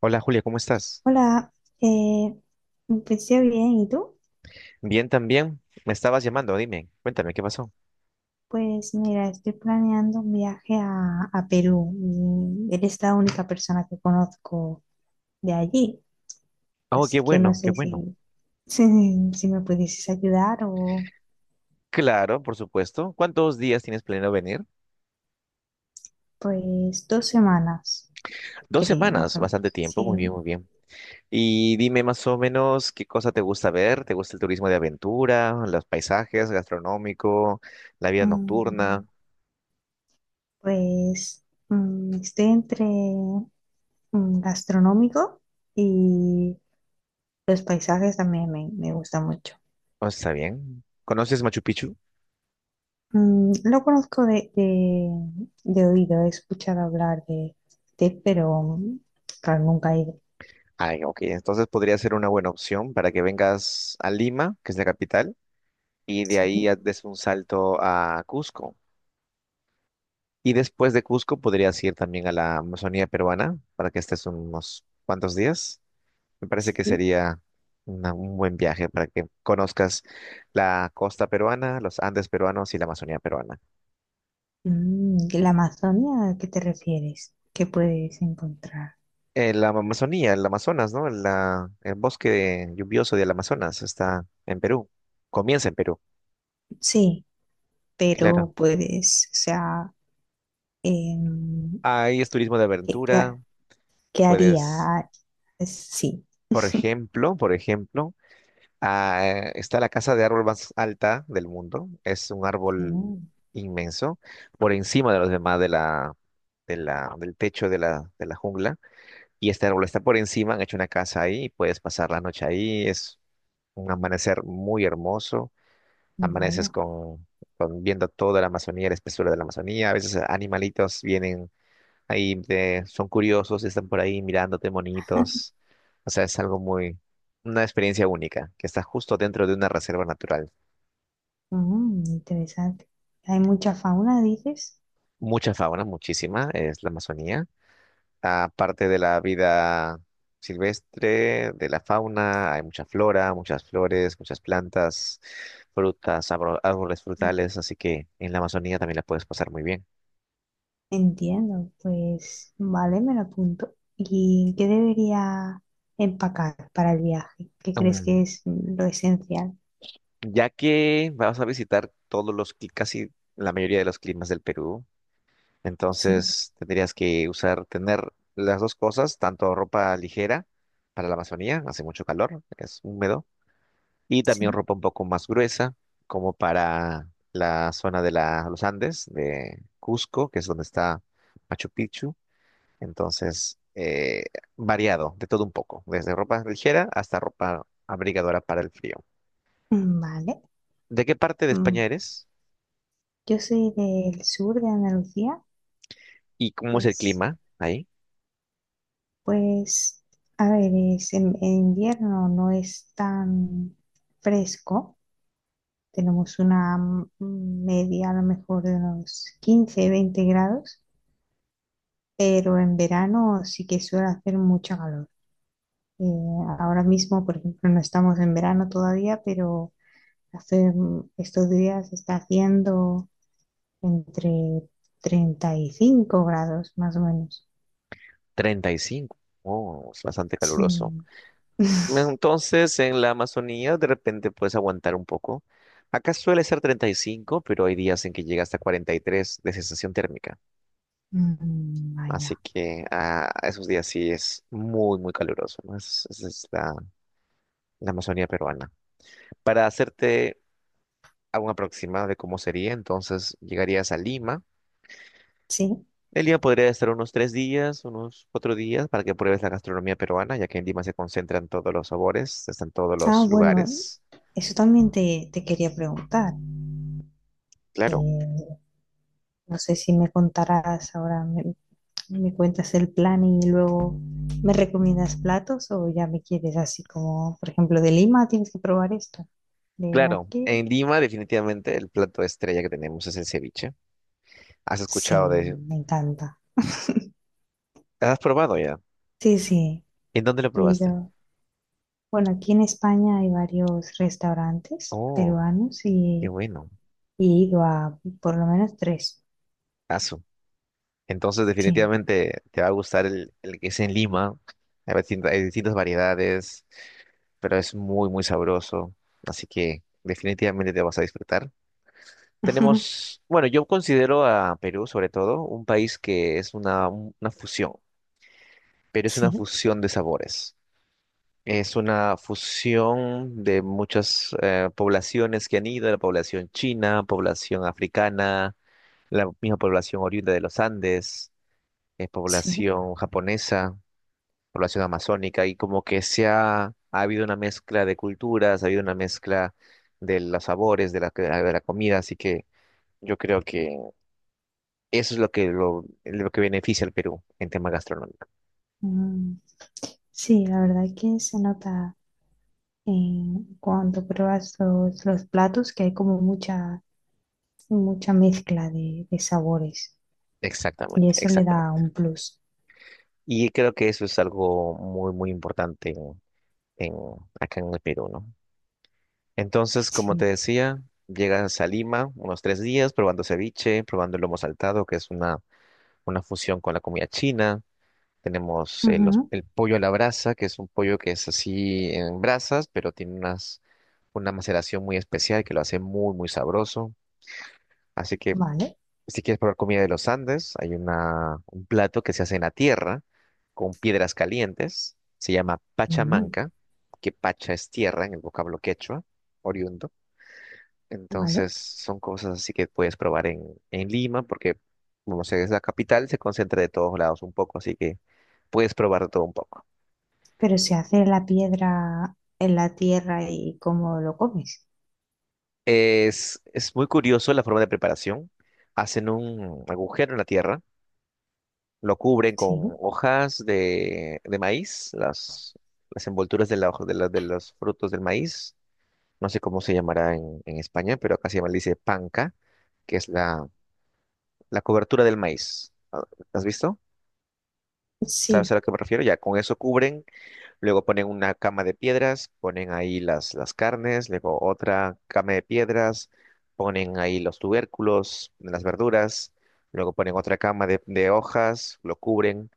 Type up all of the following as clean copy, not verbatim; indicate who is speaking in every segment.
Speaker 1: Hola Julia, ¿cómo estás?
Speaker 2: Hola, eh, empecé bien, ¿y tú?
Speaker 1: Bien también. Me estabas llamando, dime, cuéntame, ¿qué pasó?
Speaker 2: Pues mira, estoy planeando un viaje a Perú. Y eres la única persona que conozco de allí,
Speaker 1: Oh, qué
Speaker 2: así que no
Speaker 1: bueno, qué
Speaker 2: sé
Speaker 1: bueno.
Speaker 2: si, si me pudieses ayudar o
Speaker 1: Claro, por supuesto. ¿Cuántos días tienes planeado venir?
Speaker 2: pues 2 semanas,
Speaker 1: Dos
Speaker 2: creo, más
Speaker 1: semanas,
Speaker 2: o
Speaker 1: bastante
Speaker 2: menos.
Speaker 1: tiempo, muy
Speaker 2: Sí.
Speaker 1: bien, muy bien. Y dime más o menos qué cosa te gusta ver, ¿te gusta el turismo de aventura, los paisajes, gastronómico, la vida
Speaker 2: Mm,
Speaker 1: nocturna?
Speaker 2: pues, estoy entre gastronómico y los paisajes también me gustan mucho.
Speaker 1: Oh, está bien. ¿Conoces Machu Picchu?
Speaker 2: Lo conozco de oído, he escuchado hablar de pero, claro, nunca he ido.
Speaker 1: Ay, ok, entonces podría ser una buena opción para que vengas a Lima, que es la capital, y de
Speaker 2: Sí,
Speaker 1: ahí ya des un salto a Cusco. Y después de Cusco podrías ir también a la Amazonía peruana para que estés unos cuantos días. Me parece que
Speaker 2: sí.
Speaker 1: sería un buen viaje para que conozcas la costa peruana, los Andes peruanos y la Amazonía peruana.
Speaker 2: ¿La Amazonia a qué te refieres? ¿Qué puedes encontrar?
Speaker 1: La Amazonía, el Amazonas, ¿no? El bosque lluvioso del Amazonas está en Perú. Comienza en Perú,
Speaker 2: Sí,
Speaker 1: claro.
Speaker 2: pero puedes, o sea, em,
Speaker 1: Ahí es turismo de
Speaker 2: ¿qué, qué
Speaker 1: aventura.
Speaker 2: ha- qué
Speaker 1: Puedes,
Speaker 2: haría? Sí.
Speaker 1: por ejemplo, está la casa de árbol más alta del mundo. Es un árbol
Speaker 2: Mm,
Speaker 1: inmenso, por encima de los demás del techo de la jungla. Y este árbol está por encima, han hecho una casa ahí, y puedes pasar la noche ahí. Es un amanecer muy hermoso. Amaneces
Speaker 2: Vaya.
Speaker 1: con viendo toda la Amazonía, la espesura de la Amazonía. A veces animalitos vienen ahí, son curiosos, están por ahí mirándote bonitos. O sea, es algo una experiencia única, que está justo dentro de una reserva natural.
Speaker 2: Interesante. ¿Hay mucha fauna, dices?
Speaker 1: Mucha fauna, muchísima, es la Amazonía. Aparte de la vida silvestre, de la fauna, hay mucha flora, muchas flores, muchas plantas, frutas, árboles frutales, así que en la Amazonía también la puedes pasar muy bien.
Speaker 2: Entiendo, pues vale, me lo apunto. ¿Y qué debería empacar para el viaje? ¿Qué crees
Speaker 1: Mm,
Speaker 2: que es lo esencial?
Speaker 1: Ya que vas a visitar todos casi la mayoría de los climas del Perú.
Speaker 2: Sí,
Speaker 1: Entonces tendrías que usar, tener las dos cosas, tanto ropa ligera para la Amazonía, hace mucho calor, es húmedo, y también
Speaker 2: sí.
Speaker 1: ropa un poco más gruesa, como para la zona de los Andes, de Cusco, que es donde está Machu Picchu. Entonces, variado, de todo un poco, desde ropa ligera hasta ropa abrigadora para el frío.
Speaker 2: Vale.
Speaker 1: ¿De qué parte de
Speaker 2: Mm,
Speaker 1: España eres?
Speaker 2: Yo soy del sur de Andalucía.
Speaker 1: ¿Y cómo es el
Speaker 2: as-
Speaker 1: clima ahí?
Speaker 2: pues, a ver, es en invierno no es tan fresco. Tenemos una, media a lo mejor de unos 15-20 grados, pero en verano sí que suele hacer mucho calor. Eh, Ahora mismo, por ejemplo, no estamos en verano todavía, pero estos días está haciendo entre 35 grados, más o menos.
Speaker 1: 35. Oh, es bastante caluroso.
Speaker 2: Sí.
Speaker 1: Entonces, en la Amazonía de repente puedes aguantar un poco. Acá suele ser 35, pero hay días en que llega hasta 43 de sensación térmica. Así
Speaker 2: Vaya.
Speaker 1: que esos días sí es muy, muy caluroso, ¿no? Es la Amazonía peruana. Para hacerte algún aproximado de cómo sería, entonces llegarías a Lima.
Speaker 2: Sí.
Speaker 1: En Lima podría estar unos 3 días, unos 4 días, para que pruebes la gastronomía peruana, ya que en Lima se concentran todos los sabores, están todos
Speaker 2: Ah,
Speaker 1: los
Speaker 2: bueno,
Speaker 1: lugares.
Speaker 2: eso también te quería preguntar.
Speaker 1: Claro.
Speaker 2: Que no sé si me contarás ahora, me cuentas el plan y luego me recomiendas platos o ya me quieres así como, por ejemplo, de Lima, tienes que probar esto. De
Speaker 1: Claro,
Speaker 2: aquí.
Speaker 1: en Lima definitivamente el plato estrella que tenemos es el ceviche. ¿Has
Speaker 2: Sí,
Speaker 1: escuchado de?
Speaker 2: me encanta.
Speaker 1: ¿Has probado ya?
Speaker 2: Sí, sí,
Speaker 1: ¿En dónde lo
Speaker 2: he
Speaker 1: probaste?
Speaker 2: ido. Bueno, aquí en España hay varios restaurantes
Speaker 1: Oh,
Speaker 2: peruanos
Speaker 1: qué
Speaker 2: y
Speaker 1: bueno.
Speaker 2: y he ido a por lo menos tres.
Speaker 1: Asu. Entonces
Speaker 2: Sí,
Speaker 1: definitivamente te va a gustar el que es en Lima. Hay distintas variedades, pero es muy, muy sabroso. Así que definitivamente te vas a disfrutar. Tenemos, bueno, yo considero a Perú sobre todo un país que es una fusión, pero es una
Speaker 2: sí,
Speaker 1: fusión de sabores. Es una fusión de muchas poblaciones que han ido, la población china, población africana, la misma población oriunda de los Andes,
Speaker 2: sí.
Speaker 1: población japonesa, población amazónica, y como que se ha habido una mezcla de culturas, ha habido una mezcla de los sabores, de la comida, así que yo creo que eso es lo que beneficia al Perú en tema gastronómico.
Speaker 2: Mm, Sí, la verdad que se nota en cuando pruebas los platos que hay como mucha, mucha mezcla de sabores y
Speaker 1: Exactamente,
Speaker 2: eso le da
Speaker 1: exactamente.
Speaker 2: un plus.
Speaker 1: Y creo que eso es algo muy, muy importante en, acá en el Perú, ¿no? Entonces, como te
Speaker 2: Sí.
Speaker 1: decía, llegas a Lima unos 3 días probando ceviche, probando el lomo saltado, que es una fusión con la comida china. Tenemos
Speaker 2: Ujú.
Speaker 1: el pollo a la brasa, que es un pollo que es así en brasas, pero tiene una maceración muy especial que lo hace muy, muy sabroso. Así que
Speaker 2: Vale.
Speaker 1: si quieres probar comida de los Andes, hay un plato que se hace en la tierra con piedras calientes. Se llama
Speaker 2: Ujú,
Speaker 1: pachamanca, que pacha es tierra en el vocablo quechua, oriundo.
Speaker 2: vale.
Speaker 1: Entonces son cosas así que puedes probar en Lima, porque como sé, es la capital, se concentra de todos lados un poco, así que puedes probar de todo un poco.
Speaker 2: Pero se hace la piedra en la tierra y cómo lo comes.
Speaker 1: Es muy curioso la forma de preparación. Hacen un agujero en la tierra. Lo cubren
Speaker 2: Sí,
Speaker 1: con hojas de maíz, las envolturas de, la hoja- de, la- de los frutos del maíz. No sé cómo se llamará en España, pero acá se llama, le dice panca, que es la cobertura del maíz. Ah, ¿has visto? ¿Sabes a
Speaker 2: sí,
Speaker 1: lo que me refiero? Ya con eso cubren, luego ponen una cama de piedras, ponen ahí las carnes, luego otra cama de piedras, ponen ahí los tubérculos, las verduras, luego ponen otra cama de hojas, lo cubren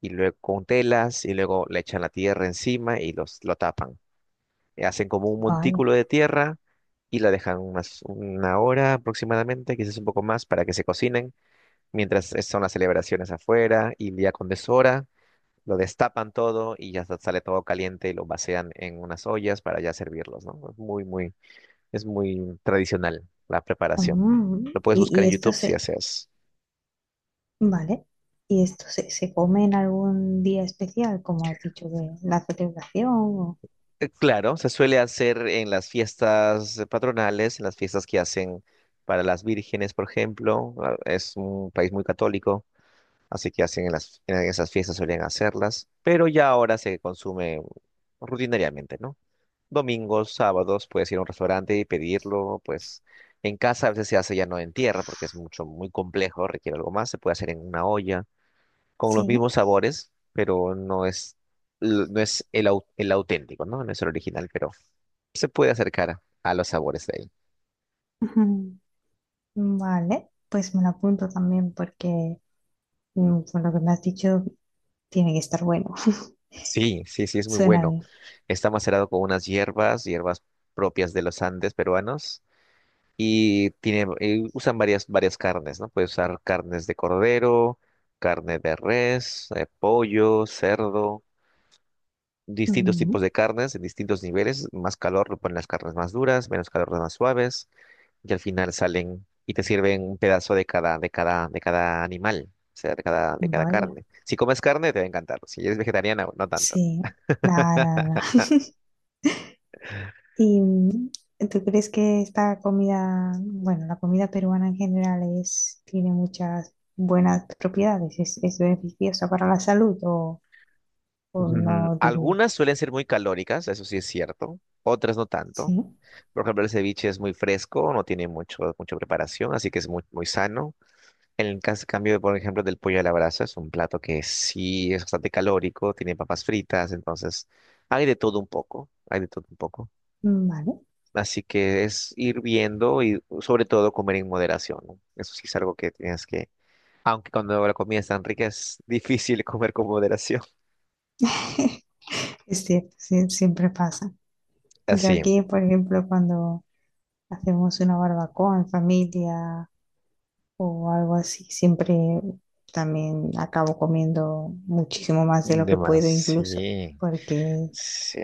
Speaker 1: y luego con telas y luego le echan la tierra encima y los lo tapan. Hacen como un
Speaker 2: vaya.
Speaker 1: montículo de tierra y la dejan unas, una hora aproximadamente, quizás un poco más, para que se cocinen, mientras son las celebraciones afuera y ya con deshora lo destapan todo y ya sale todo caliente y lo vacían en unas ollas para ya servirlos, ¿no? Es Es muy tradicional la preparación.
Speaker 2: Mm,
Speaker 1: Lo puedes
Speaker 2: Y,
Speaker 1: buscar
Speaker 2: y
Speaker 1: en YouTube si deseas.
Speaker 2: vale, y esto se come en algún día especial, como has dicho, que la celebración
Speaker 1: Claro, se suele hacer en las fiestas patronales, en las fiestas que hacen para las vírgenes, por ejemplo. Ah, es un país muy católico, así que hacen en esas fiestas suelen hacerlas, pero ya ahora se consume rutinariamente, ¿no? Domingos, sábados, puedes ir a un restaurante y pedirlo, pues en casa a veces se hace ya no en tierra porque es mucho, muy complejo, requiere algo más, se puede hacer en una olla, con los
Speaker 2: sí.
Speaker 1: mismos sabores, pero no es, no es el auténtico, ¿no? No es el original, pero se puede acercar a los sabores de ahí.
Speaker 2: Ujú. Vale, pues me lo apunto también porque, con lo que me has dicho tiene que estar bueno.
Speaker 1: Sí, sí, sí, es muy
Speaker 2: Suena
Speaker 1: bueno.
Speaker 2: bien.
Speaker 1: Está macerado con unas hierbas propias de los Andes peruanos, y tiene, y usan varias carnes, ¿no? Puedes usar carnes de cordero, carne de res, pollo, cerdo, distintos tipos
Speaker 2: Mm,
Speaker 1: de carnes en distintos niveles. Más calor lo ponen las carnes más duras, menos calor las más suaves. Y al final salen y te sirven un pedazo de cada animal, o sea, de cada
Speaker 2: Vaya,
Speaker 1: carne. Si comes carne, te va a encantar. Si eres vegetariana, no tanto.
Speaker 2: sí. Nada, nada, nada. ¿Y, tú crees que esta comida, bueno, la comida peruana en general es, tiene muchas buenas propiedades? ¿Es beneficiosa para la salud o no diría?
Speaker 1: Algunas suelen ser muy calóricas, eso sí es cierto, otras no
Speaker 2: Sí.
Speaker 1: tanto. Por ejemplo, el ceviche es muy fresco, no tiene mucho, mucha preparación, así que es muy, muy sano. En el caso, cambio, por ejemplo, del pollo a la brasa, es un plato que sí es bastante calórico, tiene papas fritas, entonces hay de todo un poco, hay de todo un poco.
Speaker 2: Vale.
Speaker 1: Así que es ir viendo y sobre todo comer en moderación, ¿no? Eso sí es algo que tienes que, aunque cuando la comida es tan rica es difícil comer con moderación.
Speaker 2: Es cierto, sí, siempre pasa. Yo
Speaker 1: Así,
Speaker 2: aquí, por ejemplo, cuando hacemos una barbacoa en familia o algo así, siempre también acabo comiendo muchísimo más de lo
Speaker 1: de
Speaker 2: que
Speaker 1: más,
Speaker 2: puedo incluso,
Speaker 1: sí,
Speaker 2: porque
Speaker 1: sí,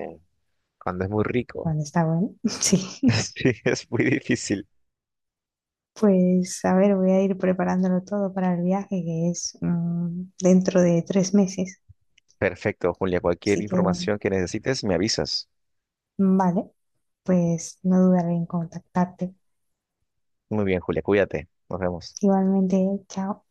Speaker 1: cuando es muy rico,
Speaker 2: cuando está bueno, sí.
Speaker 1: sí, es muy difícil.
Speaker 2: Pues a ver, voy a ir preparándolo todo para el viaje que es, dentro de 3 meses.
Speaker 1: Perfecto, Julia, cualquier
Speaker 2: Así que,
Speaker 1: información que necesites me avisas.
Speaker 2: vale, pues no dudaré en contactarte.
Speaker 1: Muy bien, Julia, cuídate, nos vemos.
Speaker 2: Igualmente, chao.